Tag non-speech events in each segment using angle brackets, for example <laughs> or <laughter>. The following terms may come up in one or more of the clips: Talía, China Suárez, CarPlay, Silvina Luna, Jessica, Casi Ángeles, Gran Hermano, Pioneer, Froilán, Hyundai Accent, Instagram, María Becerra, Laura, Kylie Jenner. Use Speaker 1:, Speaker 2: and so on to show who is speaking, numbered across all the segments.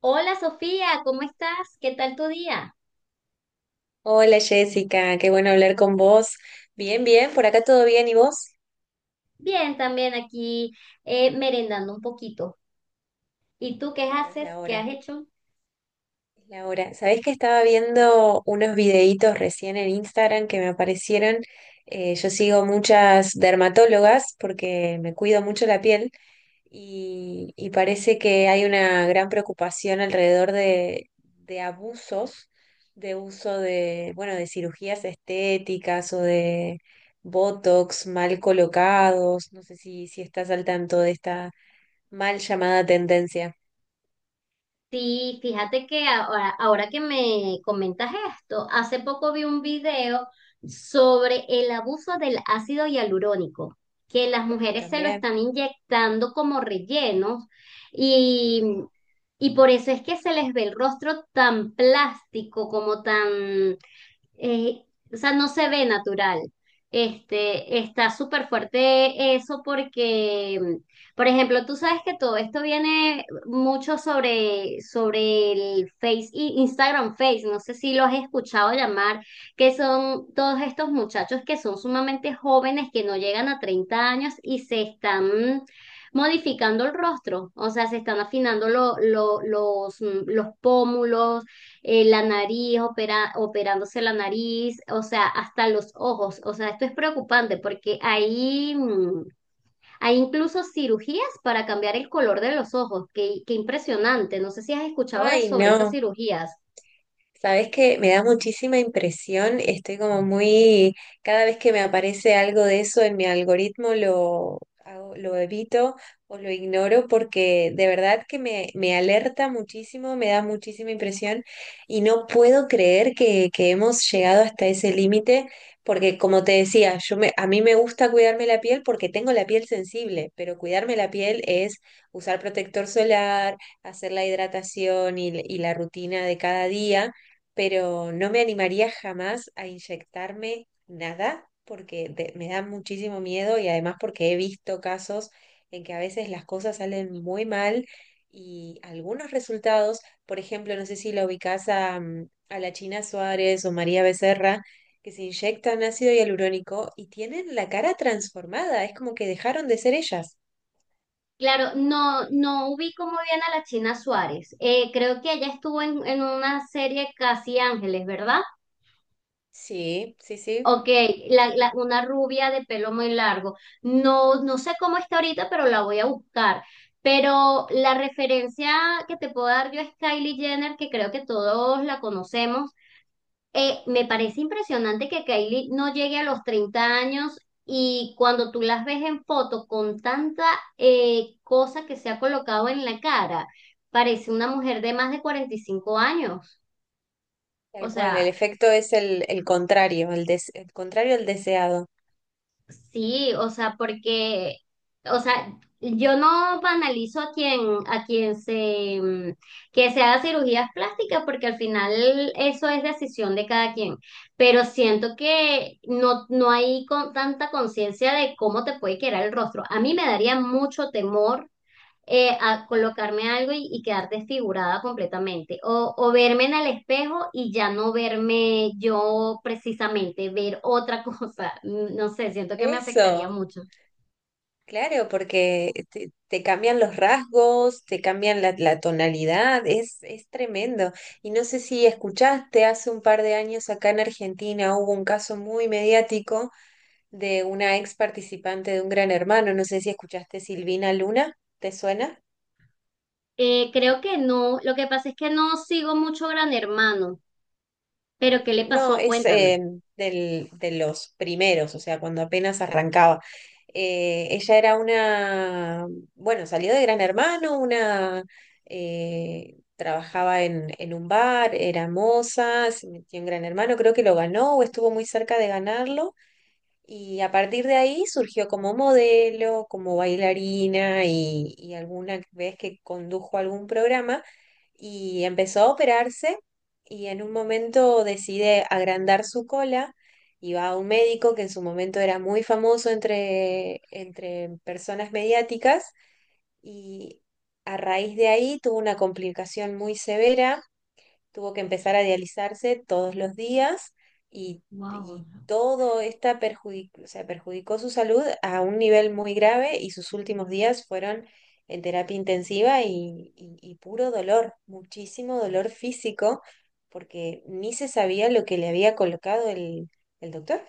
Speaker 1: Hola Sofía, ¿cómo estás? ¿Qué tal tu día?
Speaker 2: Hola Jessica, qué bueno hablar con vos. Bien, bien, por acá todo bien, ¿y vos?
Speaker 1: Bien, también aquí merendando un poquito. ¿Y tú qué
Speaker 2: Claro, es
Speaker 1: haces?
Speaker 2: la
Speaker 1: ¿Qué has
Speaker 2: hora.
Speaker 1: hecho?
Speaker 2: Laura, ¿sabés que estaba viendo unos videitos recién en Instagram que me aparecieron? Yo sigo muchas dermatólogas porque me cuido mucho la piel y parece que hay una gran preocupación alrededor de abusos de uso de, bueno, de cirugías estéticas o de botox mal colocados. No sé si estás al tanto de esta mal llamada tendencia.
Speaker 1: Sí, fíjate que ahora que me comentas esto, hace poco vi un video sobre el abuso del ácido hialurónico, que las
Speaker 2: Mm,
Speaker 1: mujeres se lo
Speaker 2: también.
Speaker 1: están inyectando como rellenos y,
Speaker 2: Ujú.
Speaker 1: y por eso es que se les ve el rostro tan plástico, como tan eh, o sea, no se ve natural. Este, está súper fuerte eso porque, por ejemplo, tú sabes que todo esto viene mucho sobre el Instagram Face, no sé si lo has escuchado llamar, que son todos estos muchachos que son sumamente jóvenes, que no llegan a 30 años y se están modificando el rostro, o sea, se están afinando los pómulos la nariz, operándose la nariz, o sea, hasta los ojos. O sea, esto es preocupante porque hay incluso cirugías para cambiar el color de los ojos. Qué impresionante. No sé si has escuchado de,
Speaker 2: Ay,
Speaker 1: sobre esas
Speaker 2: no.
Speaker 1: cirugías.
Speaker 2: Sabes que me da muchísima impresión, estoy como muy, cada vez que me aparece algo de eso en mi algoritmo lo evito o lo ignoro porque de verdad que me alerta muchísimo, me da muchísima impresión y no puedo creer que hemos llegado hasta ese límite porque como te decía, a mí me gusta cuidarme la piel porque tengo la piel sensible, pero cuidarme la piel es usar protector solar, hacer la hidratación y la rutina de cada día, pero no me animaría jamás a inyectarme nada porque me da muchísimo miedo y además porque he visto casos en que a veces las cosas salen muy mal y algunos resultados, por ejemplo, no sé si la ubicás a la China Suárez o María Becerra, que se inyectan ácido hialurónico y tienen la cara transformada, es como que dejaron de ser ellas.
Speaker 1: Claro, no, no ubico muy bien a la China Suárez. Creo que ella estuvo en una serie Casi Ángeles, ¿verdad?
Speaker 2: Sí, sí, sí,
Speaker 1: Ok, una rubia de pelo muy largo. No, no sé cómo está ahorita, pero la voy a buscar. Pero la referencia que te puedo dar yo es Kylie Jenner, que creo que todos la conocemos. Me parece impresionante que Kylie no llegue a los 30 años y cuando tú las ves en foto con tanta cosa que se ha colocado en la cara, parece una mujer de más de 45 años. O
Speaker 2: tal cual, el
Speaker 1: sea...
Speaker 2: efecto es el contrario, el contrario al deseado.
Speaker 1: Sí, o sea, porque, o sea, yo no banalizo a quien que se haga cirugías plásticas, porque al final eso es decisión de cada quien. Pero siento que no, no hay con, tanta conciencia de cómo te puede quedar el rostro. A mí me daría mucho temor a colocarme algo y quedar desfigurada completamente. O verme en el espejo y ya no verme yo precisamente, ver otra <laughs> cosa. Mm, no sé, siento que me afectaría
Speaker 2: Eso,
Speaker 1: mucho.
Speaker 2: claro, porque te cambian los rasgos, te cambian la tonalidad, es tremendo. Y no sé si escuchaste, hace un par de años acá en Argentina hubo un caso muy mediático de una ex participante de un Gran Hermano, no sé si escuchaste Silvina Luna, ¿te suena?
Speaker 1: Creo que no. Lo que pasa es que no sigo mucho Gran Hermano. Pero ¿qué
Speaker 2: Ujú.
Speaker 1: le
Speaker 2: No,
Speaker 1: pasó?
Speaker 2: es
Speaker 1: Cuéntame.
Speaker 2: de los primeros, o sea, cuando apenas arrancaba. Ella era una, bueno, salió de Gran Hermano, trabajaba en un bar, era moza, se metió en Gran Hermano, creo que lo ganó o estuvo muy cerca de ganarlo. Y a partir de ahí surgió como modelo, como bailarina y alguna vez que condujo algún programa y empezó a operarse y en un momento decide agrandar su cola y va a un médico que en su momento era muy famoso entre personas mediáticas y a raíz de ahí tuvo una complicación muy severa, tuvo que empezar a dializarse todos los días y,
Speaker 1: Wow.
Speaker 2: y todo esta perjudicó, o sea, perjudicó su salud a un nivel muy grave y sus últimos días fueron en terapia intensiva y puro dolor, muchísimo dolor físico, porque ni se sabía lo que le había colocado el doctor.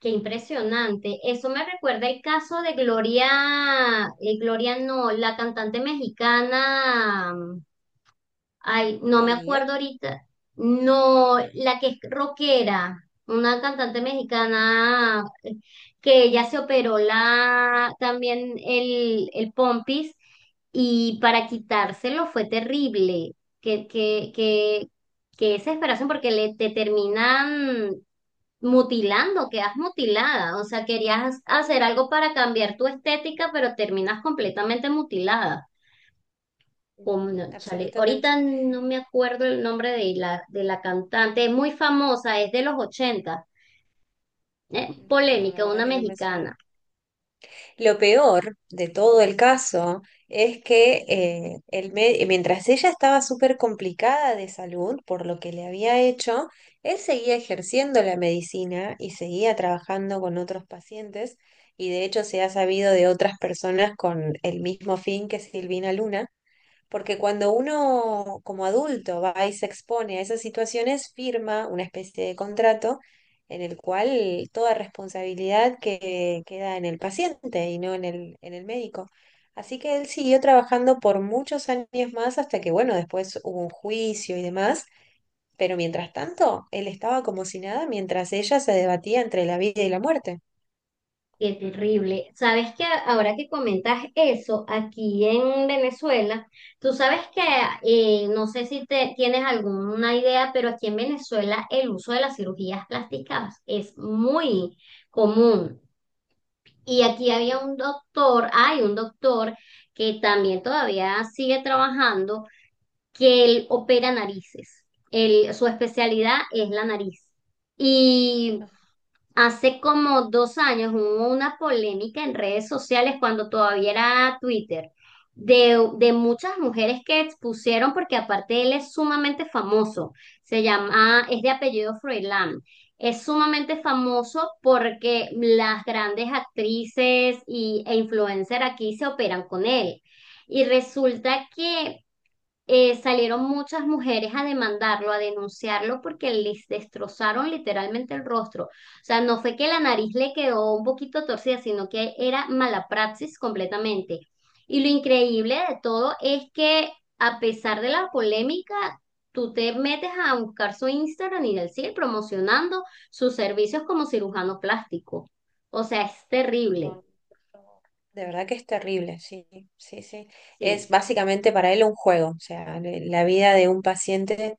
Speaker 1: Qué impresionante. Eso me recuerda el caso de Gloria, Gloria no, la cantante mexicana. Ay, no me
Speaker 2: Talía.
Speaker 1: acuerdo ahorita. No, la que es rockera, una cantante mexicana que ella se operó la también el pompis y para quitárselo fue terrible. Que, que, que, que desesperación porque te terminan mutilando, quedas mutilada. O sea, querías hacer
Speaker 2: Sí.
Speaker 1: algo para cambiar tu estética, pero terminas completamente mutilada.
Speaker 2: Ujú.
Speaker 1: Chale,
Speaker 2: Absolutamente.
Speaker 1: ahorita no me acuerdo el nombre de de la cantante, es muy famosa, es de los 80, ¿eh?
Speaker 2: Ujú. No, la
Speaker 1: Polémica, una
Speaker 2: verdad que no me suena.
Speaker 1: mexicana.
Speaker 2: Lo peor de todo el caso es que mientras ella estaba súper complicada de salud por lo que le había hecho, él seguía ejerciendo la medicina y seguía trabajando con otros pacientes y de hecho se ha sabido de otras personas con el mismo fin que Silvina Luna. Porque cuando uno como adulto va y se expone a esas situaciones, firma una especie de contrato en el cual toda responsabilidad que queda en el paciente y no en el médico. Así que él siguió trabajando por muchos años más hasta que, bueno, después hubo un juicio y demás, pero mientras tanto, él estaba como si nada mientras ella se debatía entre la vida y la muerte.
Speaker 1: Qué terrible. Sabes que ahora que comentas eso, aquí en Venezuela, tú sabes que, no sé si te, tienes alguna idea, pero aquí en Venezuela el uso de las cirugías plásticas es muy común. Y aquí
Speaker 2: Ujú.
Speaker 1: hay un doctor que también todavía sigue trabajando que él opera narices. Su especialidad es la nariz. Y hace como 2 años hubo una polémica en redes sociales cuando todavía era Twitter. De muchas mujeres que expusieron, porque aparte él es sumamente famoso, se llama, es de apellido Froilán, es sumamente famoso porque las grandes actrices e influencers aquí se operan con él. Y resulta que salieron muchas mujeres a demandarlo, a denunciarlo porque les destrozaron literalmente el rostro. O sea, no fue que la nariz le quedó un poquito torcida, sino que era mala praxis completamente. Y lo increíble de todo es que a pesar de la polémica, tú te metes a buscar su Instagram y él sigue promocionando sus servicios como cirujano plástico. O sea, es terrible.
Speaker 2: No, por favor. De verdad que es terrible, sí, sí, sí. Es
Speaker 1: Sí,
Speaker 2: básicamente para él un juego, o sea, la vida de un paciente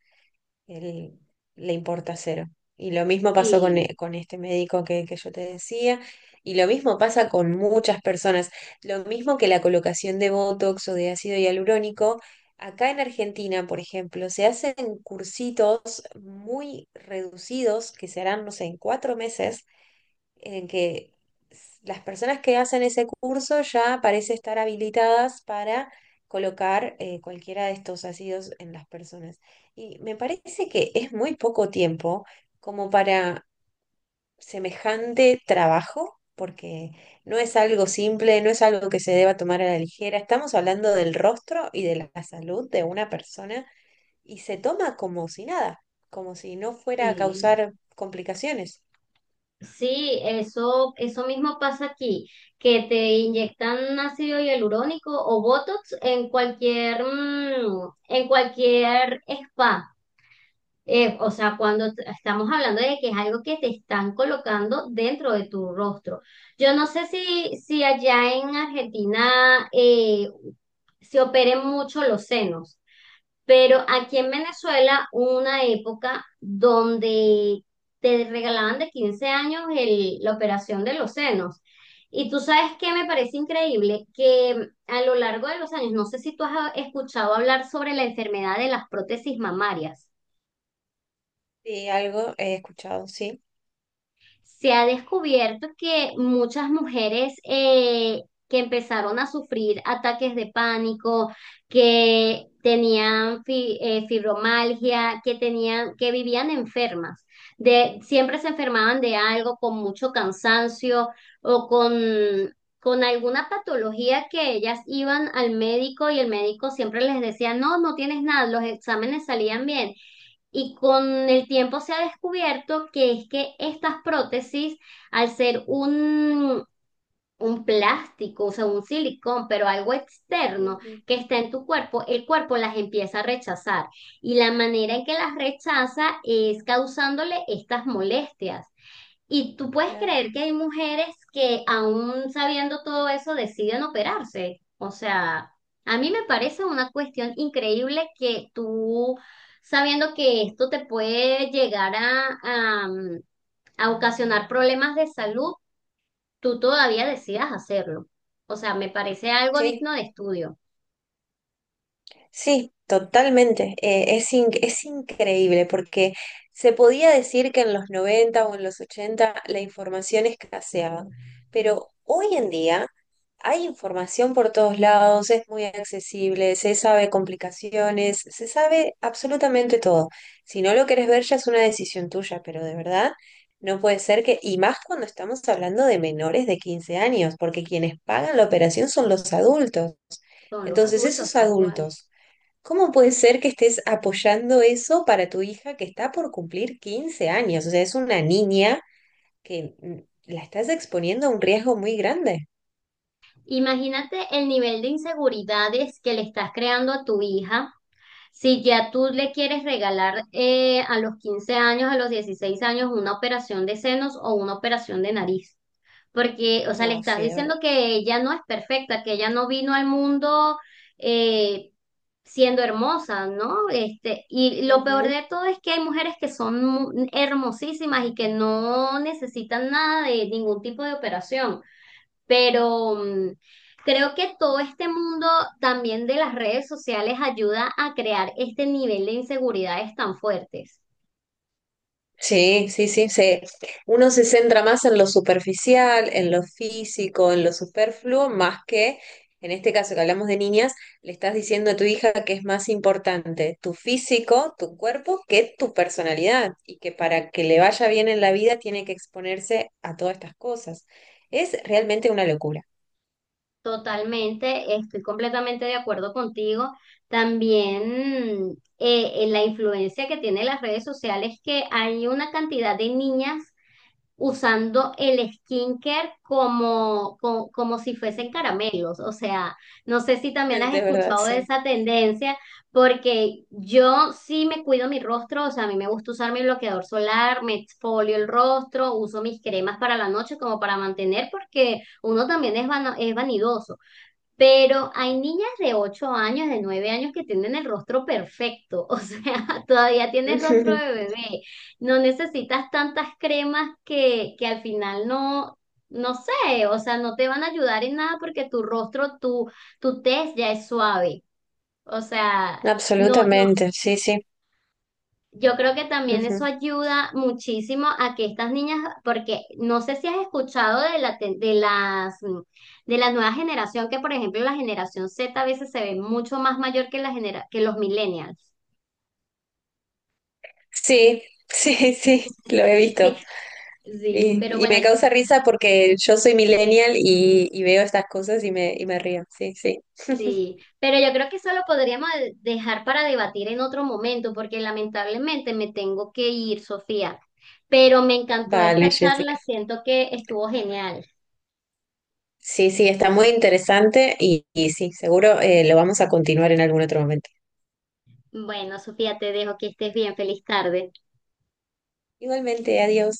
Speaker 2: él, le importa cero. Y lo mismo pasó con,
Speaker 1: sí,
Speaker 2: e- con este médico que yo te decía, y lo mismo pasa con muchas personas. Lo mismo que la colocación de Botox o de ácido hialurónico, acá en Argentina, por ejemplo, se hacen cursitos muy reducidos que se harán, no sé, en 4 meses en que las personas que hacen ese curso ya parece estar habilitadas para colocar cualquiera de estos ácidos en las personas. Y me parece que es muy poco tiempo como para semejante trabajo, porque no es algo simple, no es algo que se deba tomar a la ligera. Estamos hablando del rostro y de la salud de una persona y se toma como si nada, como si no fuera a
Speaker 1: sí.
Speaker 2: causar complicaciones.
Speaker 1: Sí, eso mismo pasa aquí, que te inyectan ácido hialurónico o Botox en en cualquier spa. O sea, estamos hablando de que es algo que te están colocando dentro de tu rostro. Yo no sé si, si allá en Argentina se operen mucho los senos. Pero aquí en Venezuela hubo una época donde te regalaban de 15 años la operación de los senos. Y tú sabes que me parece increíble que a lo largo de los años, no sé si tú has escuchado hablar sobre la enfermedad de las prótesis mamarias.
Speaker 2: Sí, algo he escuchado, sí.
Speaker 1: Se ha descubierto que muchas mujeres que empezaron a sufrir ataques de pánico, que fibromialgia, que tenían, que vivían enfermas, de, siempre se enfermaban de algo con mucho cansancio o con alguna patología, que ellas iban al médico y el médico siempre les decía, no, no tienes nada, los exámenes salían bien y con el tiempo se ha descubierto que es que estas prótesis, al ser un plástico, o sea, un silicón, pero algo externo
Speaker 2: Ujú.
Speaker 1: que está en tu cuerpo, el cuerpo las empieza a rechazar. Y la manera en que las rechaza es causándole estas molestias. Y tú puedes
Speaker 2: Claro.
Speaker 1: creer que hay mujeres que aún sabiendo todo eso deciden operarse. O sea, a mí me parece una cuestión increíble que tú, sabiendo que esto te puede llegar a, mm, a ocasionar problemas de salud, tú todavía decidas hacerlo. O sea, me parece algo
Speaker 2: Sí,
Speaker 1: digno de estudio.
Speaker 2: sí, totalmente. Es increíble porque se podía decir que en los 90 o en los 80 la información escaseaba, pero hoy en día hay información por todos lados, es muy accesible, se sabe complicaciones, se sabe absolutamente todo. Si no lo querés ver ya es una decisión tuya, pero de verdad no puede ser que, y más cuando estamos hablando de menores de 15 años, porque quienes pagan la operación son los adultos.
Speaker 1: Son los
Speaker 2: Entonces,
Speaker 1: adultos,
Speaker 2: esos
Speaker 1: tal cual.
Speaker 2: adultos, ¿cómo puede ser que estés apoyando eso para tu hija que está por cumplir 15 años? O sea, es una niña que la estás exponiendo a un riesgo muy grande.
Speaker 1: Imagínate el nivel de inseguridades que le estás creando a tu hija. Si ya tú le quieres regalar a los 15 años, a los 16 años, una operación de senos o una operación de nariz, porque, o sea, le
Speaker 2: No,
Speaker 1: estás
Speaker 2: sí, de
Speaker 1: diciendo que ella no es perfecta, que ella no vino al mundo eh, siendo hermosa, ¿no? Este, y lo peor
Speaker 2: verdad.
Speaker 1: de todo es que hay mujeres que son hermosísimas y que no necesitan nada de ningún tipo de operación. Pero mm, creo que todo este mundo también de las redes sociales ayuda a crear este nivel de inseguridades tan fuertes.
Speaker 2: Sí, sí, sí, se. Uno se centra más en lo superficial, en lo físico, en lo superfluo, más que, en este caso que hablamos de niñas, le estás diciendo a tu hija que es más importante tu físico, tu cuerpo, que tu personalidad, y que para que le vaya bien en la vida tiene que exponerse a todas estas cosas. Es realmente una locura.
Speaker 1: Totalmente, estoy completamente de acuerdo contigo. También en la influencia que tienen las redes sociales, que hay una cantidad de niñas usando el skincare como si fuesen
Speaker 2: Ujú.
Speaker 1: caramelos. O sea, no sé si también has
Speaker 2: De verdad,
Speaker 1: escuchado de
Speaker 2: sí.
Speaker 1: esa tendencia, porque yo sí me cuido mi rostro, o sea, a mí me gusta usar mi bloqueador solar, me exfolio el rostro, uso mis cremas para la noche como para mantener, porque uno también es vanidoso. Pero hay niñas de 8 años, de 9 años que tienen el rostro perfecto, o sea, <laughs> todavía tienes rostro
Speaker 2: Ujú.
Speaker 1: de bebé. No necesitas tantas cremas que al final no, no sé, o sea, no te van a ayudar en nada porque tu rostro, tu tez ya es suave. O sea, no, no
Speaker 2: Absolutamente, sí, sí.
Speaker 1: yo creo que también eso
Speaker 2: Ujú.
Speaker 1: ayuda muchísimo a que estas niñas, porque no sé si has escuchado de la, te- de las, de la nueva generación, que por ejemplo la generación Z a veces se ve mucho más mayor que que los millennials.
Speaker 2: Sí, <laughs> sí, sí, lo he
Speaker 1: Sí,
Speaker 2: visto.
Speaker 1: sí, pero
Speaker 2: Y
Speaker 1: bueno,
Speaker 2: me causa risa porque yo soy millennial y veo estas cosas y me río. Sí, sí.
Speaker 1: sí, pero yo creo que eso lo podríamos dejar para debatir en otro momento, porque lamentablemente me tengo que ir, Sofía. Pero me encantó
Speaker 2: Vale,
Speaker 1: esta charla,
Speaker 2: Jessica.
Speaker 1: siento que estuvo genial.
Speaker 2: Sí, sí, está muy interesante y sí, seguro lo vamos a continuar en algún otro momento.
Speaker 1: Bueno, Sofía, te dejo que estés bien, feliz tarde.
Speaker 2: Igualmente, adiós.